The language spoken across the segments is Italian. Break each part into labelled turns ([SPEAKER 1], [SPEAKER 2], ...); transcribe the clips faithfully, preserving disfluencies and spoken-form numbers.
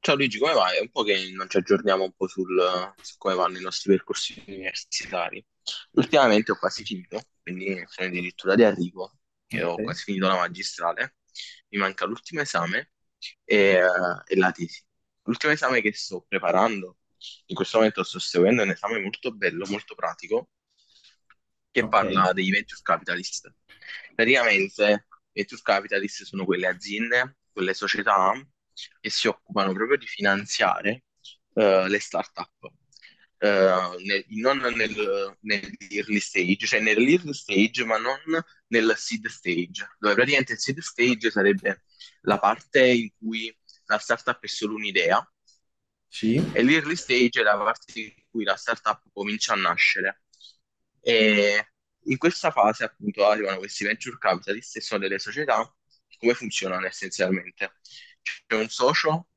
[SPEAKER 1] Ciao Luigi, come vai? È un po' che non ci aggiorniamo un po' sul, su come vanno i nostri percorsi universitari. Ultimamente ho quasi finito, quindi sono addirittura di arrivo. Io ho
[SPEAKER 2] Sì.
[SPEAKER 1] quasi finito la magistrale, mi manca l'ultimo esame e, eh, e la tesi. L'ultimo esame che sto preparando in questo momento sto seguendo un esame molto bello, molto pratico, che
[SPEAKER 2] Ok,
[SPEAKER 1] parla dei venture capitalist. Praticamente, i venture capitalist sono quelle aziende, quelle società che si occupano proprio di finanziare eh, le start-up. Eh, nel- non nel, nell'early stage, cioè nell'early stage, ma non nel seed stage, dove praticamente il seed stage sarebbe la parte in cui la startup è solo un'idea
[SPEAKER 2] sì,
[SPEAKER 1] e l'early stage è la parte in cui la startup comincia a nascere. E in questa fase, appunto, arrivano questi venture capitalist e sono delle società. Come funzionano essenzialmente? C'è un socio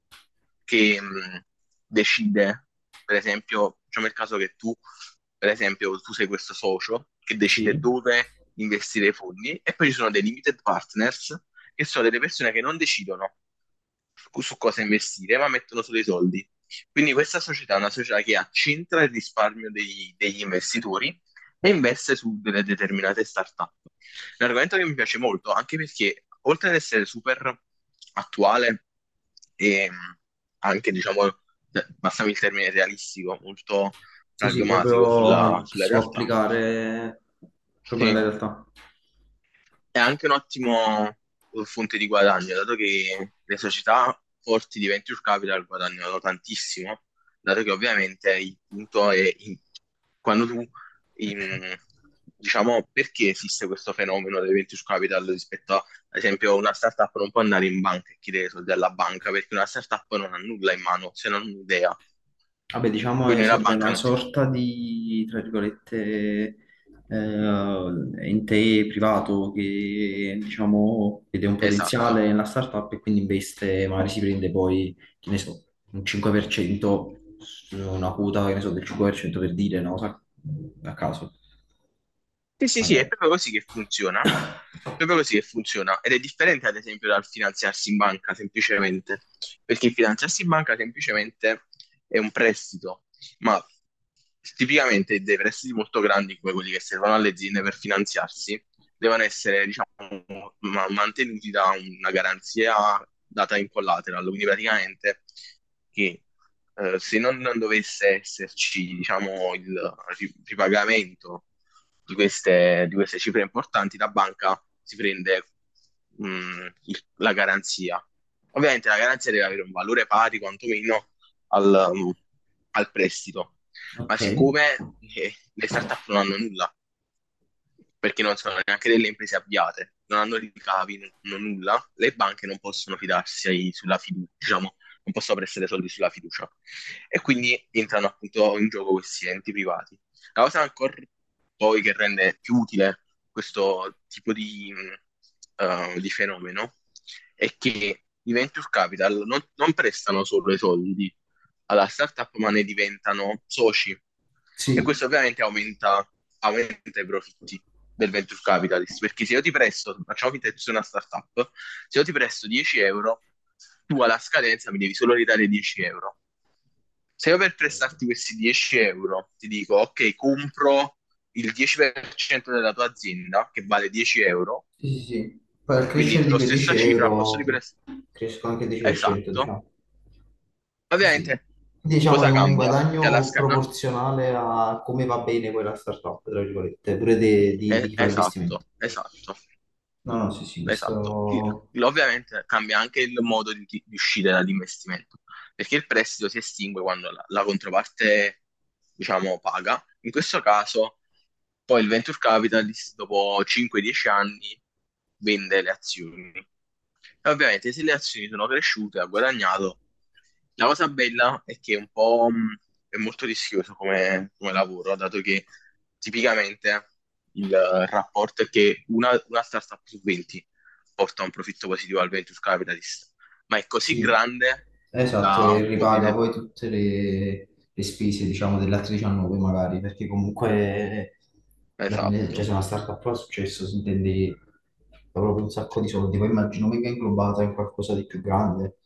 [SPEAKER 1] che mh, decide, per esempio, facciamo il caso che tu, per esempio, tu sei questo socio che
[SPEAKER 2] sì,
[SPEAKER 1] decide dove investire i fondi e poi ci sono dei limited partners che sono delle persone che non decidono su su cosa investire, ma mettono solo i soldi. Quindi questa società è una società che accentra il risparmio degli, degli investitori e investe su delle determinate startup. Un argomento che mi piace molto, anche perché oltre ad essere super attuale e mh, anche, diciamo, eh, passami il termine realistico, molto
[SPEAKER 2] sì, sì,
[SPEAKER 1] pragmatico sulla,
[SPEAKER 2] proprio che
[SPEAKER 1] sulla
[SPEAKER 2] si può
[SPEAKER 1] realtà,
[SPEAKER 2] applicare proprio
[SPEAKER 1] sì
[SPEAKER 2] nella realtà.
[SPEAKER 1] è anche un ottimo uh, fonte di guadagno, dato che le società forti di venture capital guadagnano tantissimo, dato che ovviamente il punto è in- quando tu, in- diciamo, perché esiste questo fenomeno del venture capital rispetto a, ad esempio, una startup non può andare in banca e chiedere soldi alla banca, perché una startup non ha nulla in mano, se non un'idea,
[SPEAKER 2] Vabbè, diciamo che
[SPEAKER 1] quindi una
[SPEAKER 2] serve
[SPEAKER 1] banca
[SPEAKER 2] una
[SPEAKER 1] non ti...
[SPEAKER 2] sorta di, tra virgolette, eh, ente privato che, diciamo, vede un
[SPEAKER 1] Esatto.
[SPEAKER 2] potenziale nella startup e quindi investe, magari si prende poi, che ne so, un cinque per cento, su una quota, che ne so, del cinque per cento per cento per dire, no? Sa- A caso,
[SPEAKER 1] Sì, sì, sì, è
[SPEAKER 2] magari.
[SPEAKER 1] proprio così che funziona. È proprio così che funziona. Ed è differente, ad esempio, dal finanziarsi in banca, semplicemente. Perché il finanziarsi in banca, semplicemente, è un prestito. Ma tipicamente dei prestiti molto grandi, come quelli che servono alle aziende per finanziarsi, devono essere, diciamo, ma- mantenuti da una garanzia data in collateral. Quindi praticamente che eh, se non, non dovesse esserci, diciamo, il ripagamento di queste, di queste cifre importanti, la banca si prende mh, il- la garanzia. Ovviamente la garanzia deve avere un valore pari quantomeno al, um, al prestito, ma
[SPEAKER 2] Ok,
[SPEAKER 1] siccome eh, le startup non hanno nulla, perché non sono neanche delle imprese avviate, non hanno ricavi, non hanno nulla, le banche non possono fidarsi sulla fiducia, diciamo, non possono prestare soldi sulla fiducia. E quindi entrano appunto in gioco questi enti privati. La cosa ancora poi che rende più utile questo tipo di, mh, eh, di fenomeno è che i venture capital non, non prestano solo i soldi alla startup, ma ne diventano soci. E
[SPEAKER 2] sì.
[SPEAKER 1] questo ovviamente aumenta, aumenta i profitti del venture capitalist, perché se io ti presto, facciamo finta che tu sia una startup, se io ti presto dieci euro, tu alla scadenza mi devi solo ridare dieci euro. Se io per
[SPEAKER 2] Ok.
[SPEAKER 1] prestarti questi dieci euro ti dico, ok, compro il dieci per cento della tua azienda, che vale dieci euro,
[SPEAKER 2] Sì, sì, sì. Poi al
[SPEAKER 1] quindi
[SPEAKER 2] crescere di
[SPEAKER 1] la
[SPEAKER 2] quei 10
[SPEAKER 1] stessa cifra al posto
[SPEAKER 2] euro
[SPEAKER 1] di
[SPEAKER 2] cre-
[SPEAKER 1] prestare.
[SPEAKER 2] crescono anche il dieci per cento,
[SPEAKER 1] Esatto.
[SPEAKER 2] diciamo. Sì, sì.
[SPEAKER 1] Ovviamente,
[SPEAKER 2] Quindi, diciamo è
[SPEAKER 1] cosa
[SPEAKER 2] un
[SPEAKER 1] cambia? Che alla
[SPEAKER 2] guadagno
[SPEAKER 1] sca- no,
[SPEAKER 2] proporzionale a come va bene quella startup, tra virgolette, pure de- di, di
[SPEAKER 1] eh,
[SPEAKER 2] chi fa l'investimento.
[SPEAKER 1] esatto, esatto,
[SPEAKER 2] No, no, sì, sì,
[SPEAKER 1] esatto. Il-
[SPEAKER 2] questo.
[SPEAKER 1] Ovviamente cambia anche il modo di, di uscire dall'investimento, perché il prestito si estingue quando la, la controparte, diciamo, paga. In questo caso, poi il venture capitalist, dopo cinque dieci anni, vende le azioni. E ovviamente se le azioni sono cresciute, ha guadagnato. La cosa bella è che è un po' mh, è molto rischioso come, come lavoro, dato che tipicamente il eh, rapporto è che una, una startup su venti porta un profitto positivo al venture capitalist, ma è così
[SPEAKER 2] Sì,
[SPEAKER 1] grande
[SPEAKER 2] esatto, e
[SPEAKER 1] da
[SPEAKER 2] ripaga
[SPEAKER 1] coprire.
[SPEAKER 2] poi tutte le, le spese, diciamo, delle altre diciannove magari, perché comunque alla fine, cioè,
[SPEAKER 1] Esatto.
[SPEAKER 2] se una startup fa successo si intende proprio un sacco di soldi, poi immagino venga inglobata in qualcosa di più grande,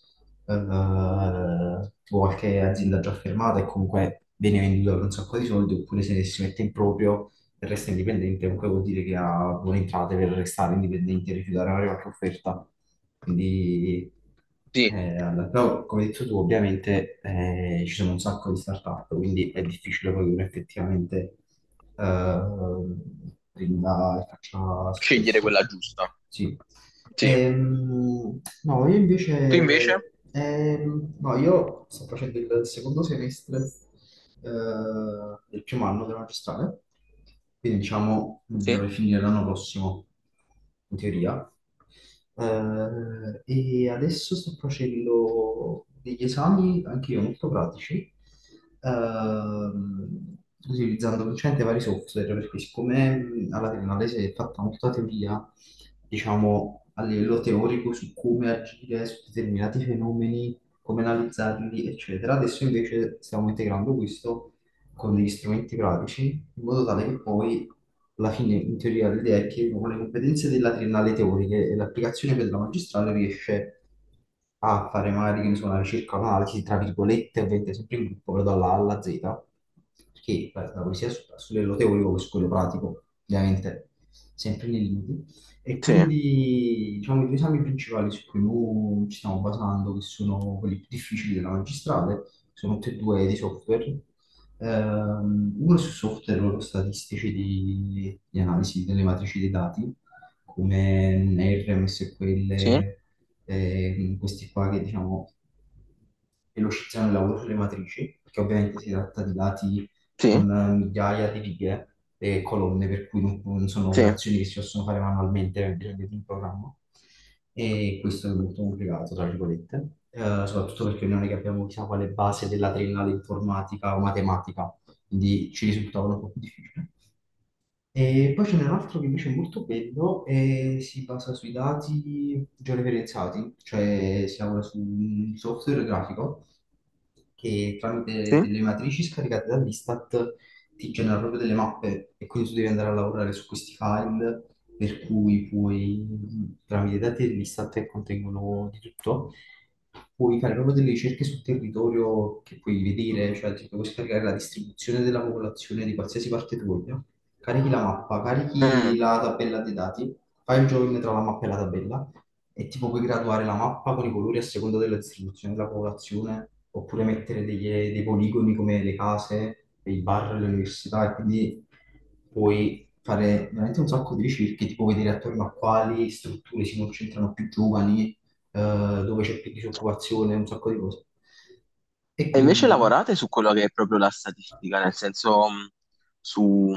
[SPEAKER 2] eh, tipo qualche azienda già fermata e comunque viene venduta per un sacco di soldi, oppure se si mette in proprio e resta indipendente, comunque vuol dire che ha buone entrate per restare indipendente e rifiutare magari qualche offerta. Quindi,
[SPEAKER 1] Sì,
[SPEAKER 2] eh, allora, però, come hai detto tu, ovviamente eh, ci sono un sacco di start-up, quindi è difficile poi che uno effettivamente eh, prenda e faccia
[SPEAKER 1] scegliere
[SPEAKER 2] successo.
[SPEAKER 1] quella giusta.
[SPEAKER 2] Sì.
[SPEAKER 1] Sì.
[SPEAKER 2] Ehm, no, io
[SPEAKER 1] Tu invece?
[SPEAKER 2] invece, ehm, no, io sto facendo il secondo semestre eh, del primo anno della magistrale, quindi diciamo
[SPEAKER 1] Sì,
[SPEAKER 2] dovrei finire l'anno prossimo, in teoria. Eh, e adesso sto facendo degli esami, anche io molto pratici, ehm, utilizzando principalmente vari software, perché siccome mh, alla triennale si è fatta molta teoria, diciamo a livello teorico su come agire su determinati fenomeni, come analizzarli, eccetera, adesso invece stiamo integrando questo con degli strumenti pratici, in modo tale che poi, alla fine, in teoria, l'idea è che uno con le competenze della triennale teoriche e l'applicazione per la magistrale riesce a fare magari, che ne so, una ricerca, un'analisi, tra virgolette, ovviamente sempre in gruppo, però dalla A alla Z, perché la la poesia è su, su livello teorico che su quello pratico, ovviamente, sempre nei limiti. E
[SPEAKER 1] sì,
[SPEAKER 2] quindi, diciamo, i due esami principali su cui noi ci stiamo basando, che sono quelli più difficili della magistrale, sono tutti e due di software. Ehm, uno su software loro statistici di, di analisi delle matrici dei dati, come R, M S Q L,
[SPEAKER 1] sì,
[SPEAKER 2] ehm, questi qua che diciamo velocizzano il lavoro sulle matrici, perché ovviamente si tratta di dati
[SPEAKER 1] sì,
[SPEAKER 2] con eh, migliaia di righe e colonne, per cui non, non sono
[SPEAKER 1] sì.
[SPEAKER 2] operazioni che si possono fare manualmente, hai bisogno di un programma. E questo è molto complicato, tra virgolette, eh, soprattutto perché noi non è che abbiamo chissà quale base della triennale informatica o matematica, quindi ci risultava un po' più difficile. E poi ce n'è un altro che invece è molto bello e si basa sui dati georeferenziati, cioè si lavora su un software grafico che tramite
[SPEAKER 1] Sì.
[SPEAKER 2] delle matrici scaricate dall'Istat ti genera proprio delle mappe e quindi tu devi andare a lavorare su questi file, per cui puoi, tramite i dati dell'Istat che contengono di tutto, puoi fare proprio delle ricerche sul territorio che puoi vedere, cioè ti puoi scaricare la distribuzione della popolazione di qualsiasi parte tu voglia. Carichi la mappa, carichi
[SPEAKER 1] Mm.
[SPEAKER 2] la tabella dei dati, fai il join tra la mappa e la tabella e tipo puoi graduare la mappa con i colori a seconda della distribuzione della popolazione, oppure mettere degli- dei poligoni come le case, i bar, le università, e quindi puoi fare veramente un sacco di ricerche, tipo vedere attorno a quali strutture si concentrano più giovani, eh, dove c'è più disoccupazione, un sacco di cose. E
[SPEAKER 1] E invece
[SPEAKER 2] quindi,
[SPEAKER 1] lavorate su quello che è proprio la statistica, nel senso mh, su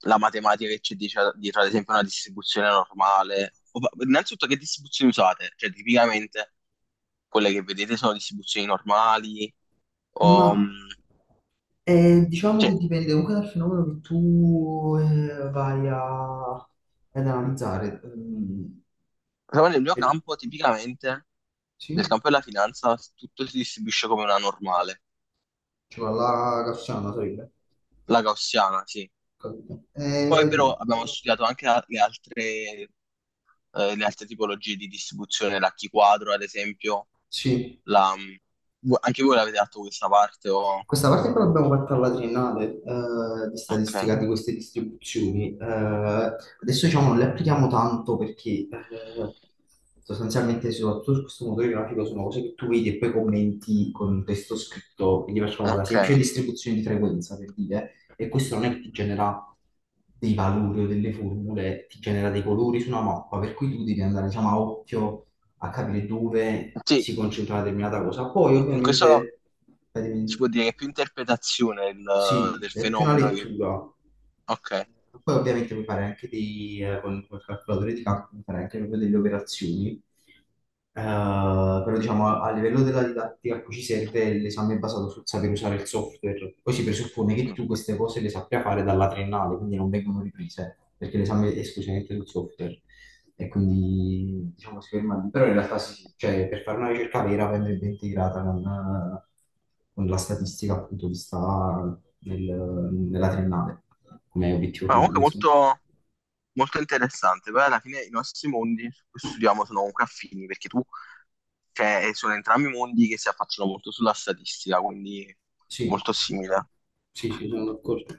[SPEAKER 1] la matematica che c'è dice- dietro, ad esempio, una distribuzione normale. O fa- Innanzitutto, che distribuzioni usate? Cioè, tipicamente quelle che vedete sono distribuzioni normali,
[SPEAKER 2] ma
[SPEAKER 1] o, mh,
[SPEAKER 2] Eh, diciamo
[SPEAKER 1] cioè,
[SPEAKER 2] che dipende comunque dal fenomeno che tu eh, vai a- ad analizzare. Mm,
[SPEAKER 1] però nel mio
[SPEAKER 2] e-
[SPEAKER 1] campo, tipicamente, nel
[SPEAKER 2] sì,
[SPEAKER 1] campo della finanza, tutto si distribuisce come una normale,
[SPEAKER 2] ci va la Cassiano, sarebbe.
[SPEAKER 1] la gaussiana, sì.
[SPEAKER 2] Capito?
[SPEAKER 1] Poi
[SPEAKER 2] Eh,
[SPEAKER 1] però abbiamo studiato anche a- le altre eh, le altre tipologie di distribuzione, la key quadro, ad esempio,
[SPEAKER 2] sì.
[SPEAKER 1] la, mm, vu- anche voi l'avete fatto questa parte o...
[SPEAKER 2] Questa parte che l'abbiamo fatta alla triennale, eh, di
[SPEAKER 1] Ok,
[SPEAKER 2] statistica di queste distribuzioni, eh, adesso diciamo non le applichiamo tanto perché eh, sostanzialmente soprattutto su questo motore grafico sono cose che tu vedi e poi commenti con un testo scritto, quindi facciamo la
[SPEAKER 1] ok.
[SPEAKER 2] semplice distribuzione di frequenza per dire, e questo non è che ti genera dei valori o delle formule, ti genera dei colori su una mappa, per cui tu devi andare diciamo a occhio a capire dove
[SPEAKER 1] Sì,
[SPEAKER 2] si concentra una determinata cosa. Poi
[SPEAKER 1] in questo
[SPEAKER 2] ovviamente.
[SPEAKER 1] si può dire che è più interpretazione il-
[SPEAKER 2] Sì,
[SPEAKER 1] del
[SPEAKER 2] è più una
[SPEAKER 1] fenomeno. che-
[SPEAKER 2] lettura.
[SPEAKER 1] Ok.
[SPEAKER 2] Poi ovviamente mi fare anche dei, eh, con col calcolatore di calcolo, mi fare anche proprio delle operazioni. Eh, però diciamo a, a livello della didattica a cui ci serve l'esame è basato sul saper usare il software. Poi si presuppone che
[SPEAKER 1] Mm.
[SPEAKER 2] tu queste cose le sappia fare dalla triennale, quindi non vengono riprese, perché l'esame è esclusivamente sul software. E quindi diciamo si ferma lì. Però in realtà sì, sì. Cioè, per fare una ricerca vera andrebbe integrata con, con la statistica appunto che sta nel- nella triennale, come obiettivo
[SPEAKER 1] Ma
[SPEAKER 2] finale,
[SPEAKER 1] comunque
[SPEAKER 2] insomma.
[SPEAKER 1] molto, molto interessante, poi alla fine i nostri mondi su cui studiamo sono comunque affini, perché tu, cioè, sono entrambi mondi che si affacciano molto sulla statistica, quindi
[SPEAKER 2] Sì,
[SPEAKER 1] molto simile.
[SPEAKER 2] sì, sì, sono d'accordo.